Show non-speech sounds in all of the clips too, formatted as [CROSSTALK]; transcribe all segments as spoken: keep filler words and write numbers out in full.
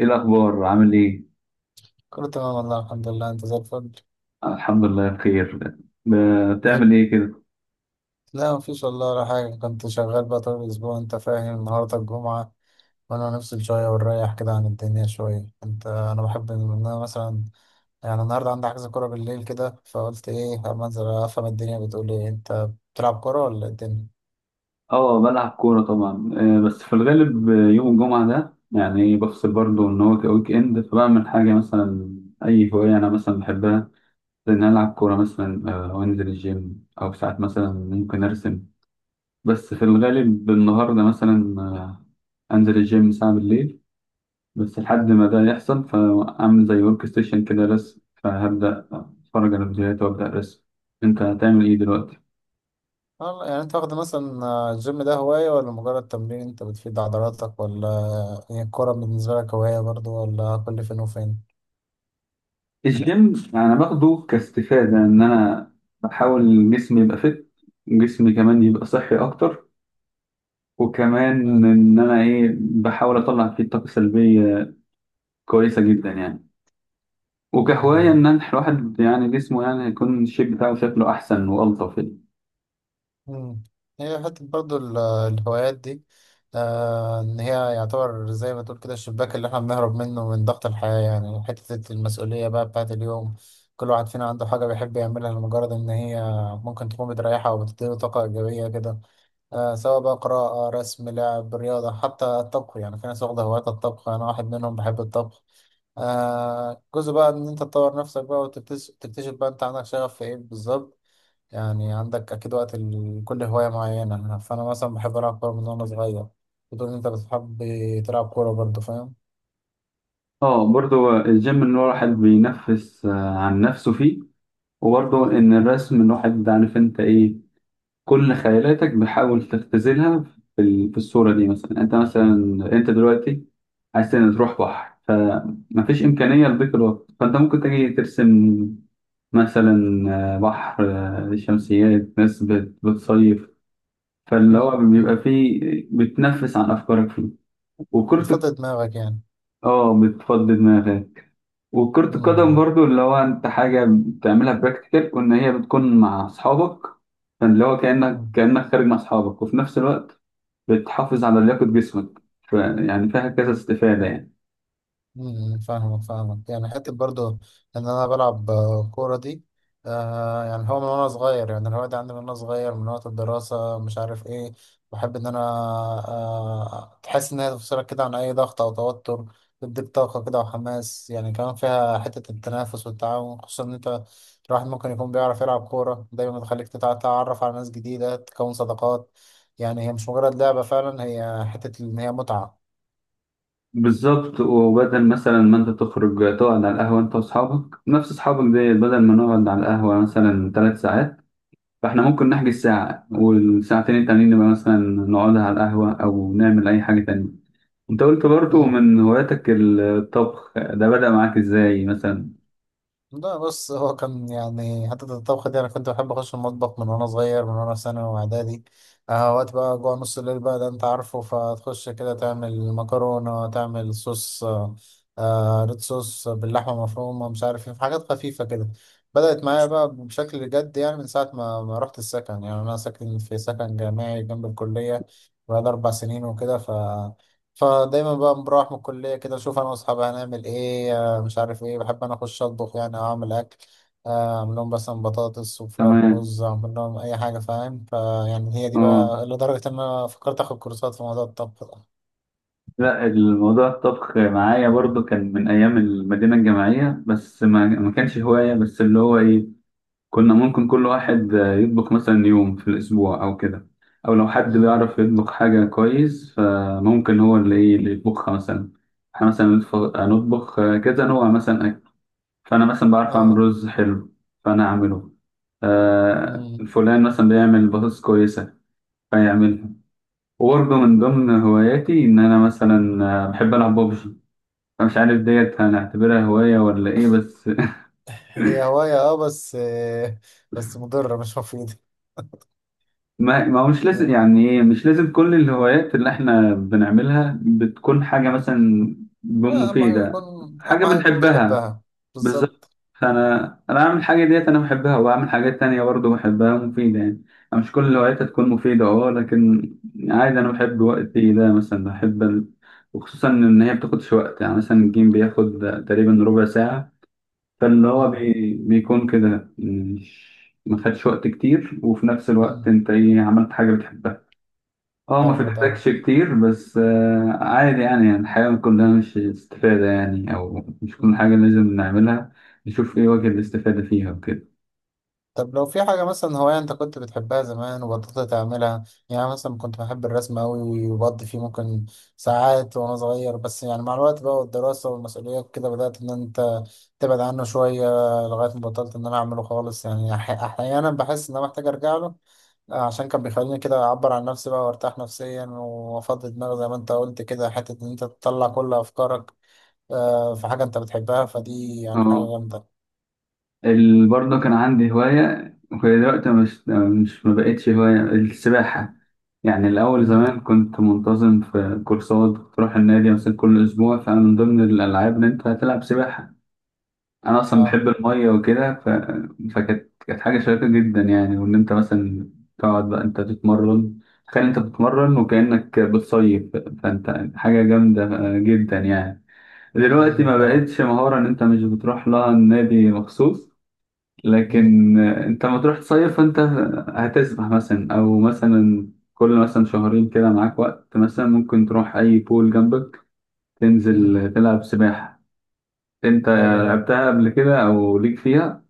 ايه الاخبار، عامل ايه؟ كله تمام والله الحمد لله، انت زي الفل. الحمد لله بخير. ب- ايه؟ بتعمل ايه كده؟ لا مفيش والله ولا حاجة، كنت شغال بقى طول الأسبوع انت فاهم، النهاردة الجمعة وانا نفصل شوية ونريح كده عن الدنيا شوية، انت انا بحب ان انا مثلا يعني النهاردة عندي حجز كورة بالليل كده، فقلت ايه اما انزل افهم الدنيا بتقول ايه. انت بتلعب كورة ولا ايه الدنيا؟ اه، بلعب كوره طبعا، آه، بس في الغالب آه، يوم الجمعه ده يعني بفصل برضه ان هو ويك اند فبعمل حاجه مثلا. اي هوايه انا مثلا بحبها، زي ان أنا العب كوره مثلا، آه، او انزل الجيم او ساعات مثلا ممكن ارسم. بس في الغالب النهارده مثلا آه، انزل الجيم ساعه بالليل. بس لحد مم. ما ده يحصل فاعمل زي ورك ستيشن كده رسم، فهبدا اتفرج على فيديوهات وابدا ارسم. انت هتعمل ايه دلوقتي؟ والله يعني انت واخد مثلا آه، الجيم ده هواية ولا مجرد تمرين انت بتفيد عضلاتك، ولا هي الكورة بالنسبة لك هواية برضو ولا كل فين وفين؟ الجيم انا باخده كاستفاده ان انا بحاول جسمي يبقى فت جسمي كمان يبقى صحي اكتر، وكمان آه. ان انا ايه بحاول اطلع فيه طاقه سلبيه، كويسه جدا يعني. وكهوايه مم. ان أنا- الواحد يعني جسمه يعني يكون الشيب بتاعه شكله احسن والطف يعني. مم. هي حتة برضو ال- الهوايات دي، آه إن هي يعتبر زي ما تقول كده الشباك اللي إحنا بنهرب منه من ضغط الحياة، يعني حتة المسؤولية بقى بتاعت اليوم. كل واحد فينا عنده حاجة بيحب يعملها لمجرد إن هي ممكن تكون بتريحها أو بتديله طاقة إيجابية كده. آه، سواء بقى قراءة، رسم، لعب رياضة، حتى الطبخ. يعني في ناس واخدة هوايات الطبخ، أنا واحد منهم، بحب الطبخ. آه، جزء بقى إن أنت تطور نفسك بقى، وتكتشف تكتشف بقى أنت عندك شغف في إيه بالظبط. يعني عندك أكيد وقت لكل هواية معينة، فأنا مثلا بحب ألعب كورة من وأنا صغير. بتقول إن أنت بتحب تلعب كورة برضه، فاهم. اه، برضه الجيم ان الواحد بينفس آه، عن نفسه فيه، وبرضه مم. ان الرسم، الواحد عارف انت ايه، كل خيالاتك بتحاول تختزلها في ال- في الصورة دي. مثلا انت مثلا، انت دلوقتي عايز تن- تروح بحر فمفيش إمكانية لضيق الوقت، فانت ممكن تجي ترسم مثلا، آه، بحر، آه، شمسيات، ناس بت- بتصيف، فاللي مم. هو بيبقى مم. فيه بتنفس عن أفكارك فيه. وكرة. بتفضي دماغك يعني. اه، بتفضي دماغك. وكرة القدم مم. برضو اللي هو انت حاجة بتعملها براكتيكال وان هي بتكون مع اصحابك، فاللي هو كأنك مم. كأنك خارج مع اصحابك، وفي نفس الوقت بتحافظ على لياقة جسمك، ف- يعني فيها كذا استفادة يعني. امم، فاهمك فاهمك. يعني حتة برضو إن أنا بلعب آه، كورة دي، آه يعني هو من وأنا صغير، يعني الهواية دي عندي من وأنا صغير، من وقت الدراسة مش عارف إيه. بحب إن أنا آه تحس إن هي تفصلك كده عن أي ضغط أو توتر، تديك طاقة كده وحماس، يعني كمان فيها حتة التنافس والتعاون، خصوصا إن أنت الواحد ممكن يكون بيعرف يلعب كورة، دايما بتخليك تتع- تتعرف على ناس جديدة، تكون صداقات. يعني هي مش مجرد لعبة، فعلا هي حتة إن هي متعة. بالظبط. وبدل مثلا ما انت تخرج تقعد على القهوة انت واصحابك، نفس اصحابك دي، بدل ما نقعد على القهوة مثلا ثلاث ساعات، فاحنا ممكن نحجز ساعة، والساعتين التانيين نبقى مثلا نقعد على القهوة او نعمل اي حاجة تانية. انت قلت برضو مم. من هواياتك الطبخ، ده بدأ معاك ازاي مثلا؟ لا بص، هو كان يعني حتة الطبخ دي أنا كنت بحب أخش المطبخ من وأنا صغير، من وأنا في ثانوي وإعدادي. آه، وقت بقى جوع نص الليل بقى ده أنت عارفه، فتخش كده تعمل مكرونة، تعمل صوص، آه آه، ريد صوص باللحمة المفرومة، مش عارف إيه، في حاجات خفيفة كده. بدأت معايا بقى بشكل جد يعني من ساعة ما ما رحت السكن، يعني أنا ساكن في سكن جامعي جنب الكلية بقى أربع سنين وكده، ف فدايما بقى بروح من الكلية كده أشوف أنا وأصحابي هنعمل إيه، مش عارف ايه. بحب انا اخش اطبخ، يعني اعمل اكل، آه، اعمل لهم مثلا بطاطس وفراخ تمام. ورز، اعمل لهم اي حاجه، فاهم؟ فيعني هي دي اه. بقى لدرجه ان انا فكرت اخد كورسات في موضوع الطبخ ده. لا، الموضوع الطبخ معايا برضو كان من ايام المدينة الجامعية، بس ما, ما كانش هواية. بس اللي هو ايه، كنا ممكن كل واحد يطبخ مثلا يوم في الاسبوع او كده، او لو حد مم. بيعرف يطبخ حاجة كويس فممكن هو اللي ايه اللي يطبخها مثلا. احنا مثلا نطف- نطبخ كذا نوع مثلا اكل. فانا مثلا بعرف اعمل اه. رز حلو، فانا اعمله. آه مم. فلان مثلا بيعمل بطاطس كويسة، فيعملها. وبرضه من ضمن هواياتي إن أنا مثلا آه، بحب ألعب ببجي، فمش عارف ديت هنعتبرها هواية ولا إيه، بس هي هوايه اه، بس آه بس مضره مش مفيده. [LAUGHS] ما, ما هو مش لازم مم. يعني إيه، مش لازم كل الهوايات اللي إحنا بنعملها بتكون حاجة مثلا لا اهم حاجه يكون، مفيدة. حاجة اهم حاجه يكون بنحبها. بتحبها. بالظبط. بالظبط. فانا انا بعمل الحاجه ديت انا بحبها، وبعمل حاجات تانية برضه بحبها مفيده يعني. أنا مش كل الهوايات هتكون مفيده، اه، لكن عادي. انا بحب وقتي ده، مثلا بحب ال... وخصوصا ان هي بتاخدش وقت. يعني مثلا الجيم بياخد تقريبا ربع ساعه، فاللي هو مم. بي... بيكون كده، مش ما خدش وقت كتير، وفي نفس الوقت مم. انت ايه، عملت حاجه بتحبها. اه ما حلو ده. بتحتاجش كتير، بس آه عادي يعني يعني الحياة كلها مش استفادة يعني، أو مش كل حاجة مم. لازم نعملها نشوف إيه وجه الاستفادة فيها وكده. طب لو في حاجة مثلا هواية أنت كنت بتحبها زمان وبطلت تعملها، يعني مثلا كنت بحب الرسم أوي وبقضي فيه ممكن ساعات وأنا صغير، بس يعني مع الوقت بقى والدراسة والمسؤوليات كده بدأت إن أنت تبعد عنه شوية، لغاية ما بطلت إن أنا أعمله خالص. يعني أح- أحيانا بحس إن أنا محتاج أرجع له، عشان كان بيخليني كده أعبر عن نفسي بقى وأرتاح نفسيا وأفضي دماغي زي ما أنت قلت كده، حتة إن أنت تطلع كل أفكارك آه، في حاجة أنت بتحبها، فدي يعني حاجة اه. جامدة. ال- برضه كان عندي هواية وهي دلوقتي مش مش ما بقتش هواية، السباحة. يعني الأول مم. زمان كنت منتظم في كورسات، كنت أروح النادي مثلا كل أسبوع، فأنا من ضمن الألعاب إن أنت هتلعب سباحة. انا اصلا آه. بحب الميه وكده ف... فكانت كانت حاجه شيقه جدا يعني. وان انت مثلا تقعد بقى انت تتمرن، تخيل انت بتتمرن وكانك بتصيف، فانت حاجه جامده جدا يعني. مم. دلوقتي مم. ما فاهم. بقتش مهاره ان انت مش بتروح لها النادي مخصوص، لكن انت ما تروح تصيف فانت هتسبح مثلا، او مثلا كل مثلا شهرين كده معاك وقت، مثلا ممكن تروح اي بول جنبك مم. تنزل تلعب سباحه. انت حلو ده. لعبتها قبل كده او ليك فيها؟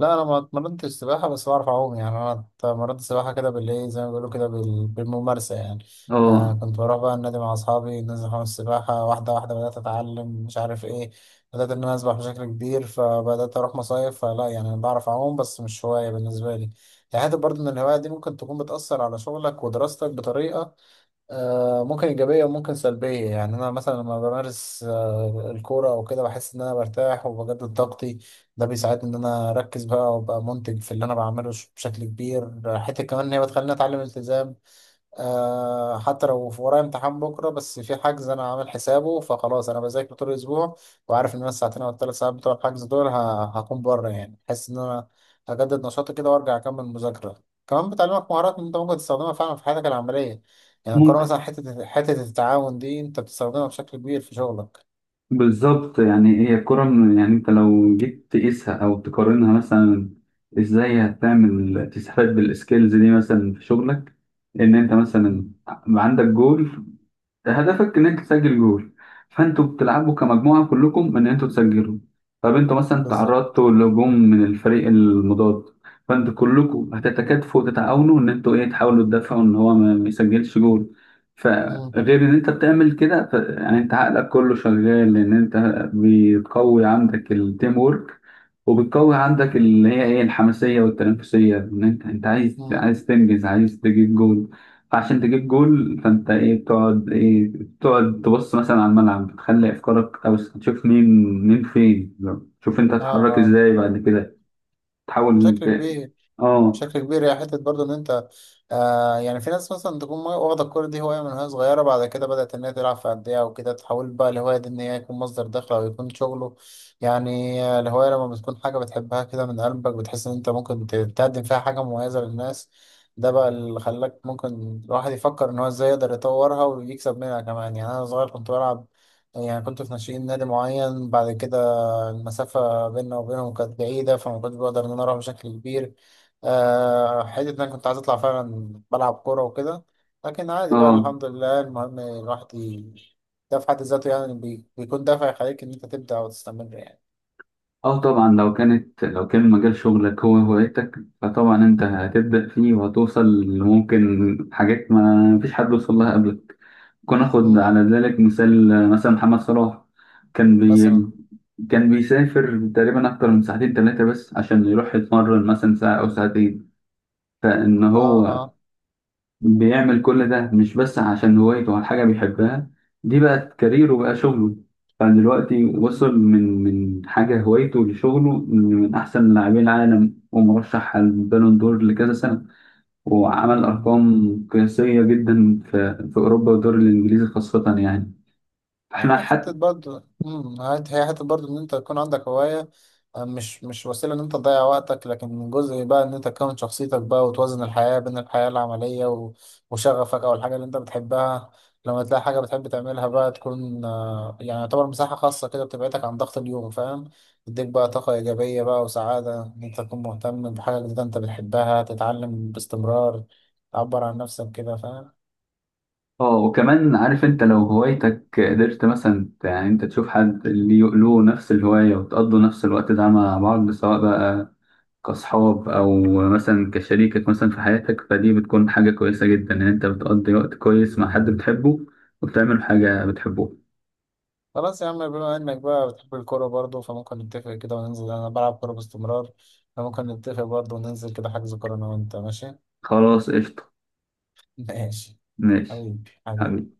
لا انا ما اتمرنتش سباحه، بس بعرف اعوم. يعني انا اتمرنت سباحه كده بالايه، زي ما بيقولوا كده بال- بالممارسه يعني. آه، اه، كنت بروح بقى النادي مع اصحابي، ننزل حمام السباحه، واحده واحده بدات اتعلم، مش عارف ايه، بدات ان انا اسبح بشكل كبير، فبدات اروح مصايف. فلا يعني انا بعرف اعوم بس مش هوايه بالنسبه لي. يعني حته برضه ان الهوايه دي ممكن تكون بتاثر على شغلك ودراستك بطريقه آه، ممكن إيجابية وممكن سلبية. يعني أنا مثلا لما بمارس آه، الكورة أو كده بحس إن أنا برتاح وبجدد طاقتي، ده بيساعدني إن أنا أركز بقى وأبقى منتج في اللي أنا بعمله ش- بشكل كبير. حتة كمان إن هي بتخليني أتعلم التزام، آه حتى لو في ورايا امتحان بكرة بس في حجز أنا عامل حسابه، فخلاص أنا بذاكر طول الأسبوع وعارف إن أنا الساعتين أو الثلاث ساعات بتوع الحجز دول ه- هكون بره. يعني بحس إن أنا هجدد نشاطي كده وأرجع أكمل مذاكرة. كمان بتعلمك مهارات أنت ممكن تستخدمها فعلا في حياتك العملية، يعني القراءة ممكن. مثلا، حتة حتة التعاون دي أنت بتستخدمها بشكل كبير في شغلك. بالظبط. يعني هي الكرة من- يعني انت لو جيت تقيسها او تقارنها مثلا، ازاي هتعمل تستفاد بالسكيلز دي مثلا في شغلك. ان انت مم، مثلا عندك جول، هدفك ان انت تسجل جول، فانتوا بتلعبوا كمجموعه كلكم ان انتوا تسجلوا. طب انتوا مثلا بالظبط. تعرضتوا لهجوم من الفريق المضاد، فانتوا كلكم هتتكاتفوا وتتعاونوا ان انتوا ايه تحاولوا تدافعوا ان هو ما ما يسجلش جول. مم، فغير ان انت بتعمل كده ف... يعني انت عقلك كله شغال، لان انت بتقوي عندك التيم وورك، وبتقوي عندك اللي هي ايه الحماسيه والتنافسيه، ان انت انت عايز مم. عايز تنجز، عايز تجيب جول. فعشان تجيب جول، فانت ايه بتقعد ايه بتقعد تبص مثلا على الملعب، بتخلي افكارك، او تشوف مين مين فين، لو- تشوف انت آه هتتحرك آه، ازاي بعد كده، تحاول بشكل ت- كبير. اه، بشكل كبير. هي حتة برضه إن أنت آه يعني في ناس مثلا تكون واخدة الكورة دي هواية من وهي صغيرة، بعد كده بدأت إن هي تلعب في أندية وكده، تحول بقى الهواية دي إن هي يكون مصدر دخل أو يكون شغله. يعني آه، الهواية لما بتكون حاجة بتحبها كده من قلبك، بتحس إن أنت ممكن ت- تقدم فيها حاجة مميزة للناس. ده بقى اللي خلاك ممكن الواحد يفكر إن هو إزاي يقدر يطورها ويكسب منها كمان. يعني أنا صغير كنت بلعب، يعني كنت في ناشئين نادي معين، بعد كده المسافة بيننا وبينهم كانت بعيدة، فما كنتش بقدر إن أنا أروح بشكل كبير، آه، حتة إن أنا كنت عايز أطلع فعلا بلعب كورة وكده. لكن عادي بقى اه، الحمد لله، المهم الواحد ي- ده في حد ذاته يعني بي- بيكون دافع يخليك إن أنت تبدأ وتستمر يعني. اه، طبعا لو كانت لو كان مجال شغلك هو هوايتك، فطبعا انت هتبدأ فيه وهتوصل ممكن حاجات ما فيش حد وصل لها قبلك. ناخد مم. على ذلك مثال مثلا محمد صلاح. كان بي مثلا. كان بيسافر تقريبا أكتر من ساعتين تلاتة بس عشان يروح يتمرن مثلا ساعة أو ساعتين، فإن آه هو آه. بيعمل كل ده مش بس عشان هوايته أو حاجة بيحبها، دي بقت كاريره، بقى شغله. فدلوقتي مم. وصل من من حاجة هوايته لشغله، من أحسن لاعبين العالم، ومرشح على البالون دور لكذا سنة، وعمل مم. أرقام قياسية جدا في في أوروبا والدوري الإنجليزي خاصة يعني. احنا آه، حتة حتى برضه أمم، عاد هي حتة برضه إن أنت يكون عندك هواية، آه، مش مش وسيلة إن أنت تضيع وقتك، لكن جزء بقى إن أنت تكون شخصيتك بقى، وتوازن الحياة بين الحياة العملية و- وشغفك أو الحاجة اللي أنت بتحبها. لما تلاقي حاجة بتحب تعملها بقى تكون آه، يعني يعتبر مساحة خاصة كده بتبعدك عن ضغط اليوم، فاهم، تديك بقى طاقة إيجابية بقى وسعادة إن أنت تكون مهتم بحاجة جديدة أنت بتحبها، تتعلم باستمرار، تعبر عن نفسك كده، فاهم. اه، وكمان عارف انت لو هوايتك قدرت مثلا ت- يعني انت تشوف حد اللي له نفس الهواية وتقضوا نفس الوقت ده مع بعض، سواء بقى كأصحاب، او مثلا كشريكك مثلا في حياتك، فدي بتكون حاجة كويسة جدا ان انت بتقضي وقت كويس مع حد بتحبه، وبتعمل حاجة بتحبه. خلاص يا عم، بما انك بقى بتحب الكورة برضه، فممكن نتفق كده وننزل، انا بلعب كورة باستمرار، فممكن نتفق برضه وننزل كده حجز كورة انا وانت، ماشي؟ [LAUGHS] خلاص، قشطة. ماشي. ماشي. حبيبي حبيبي. حبيبي.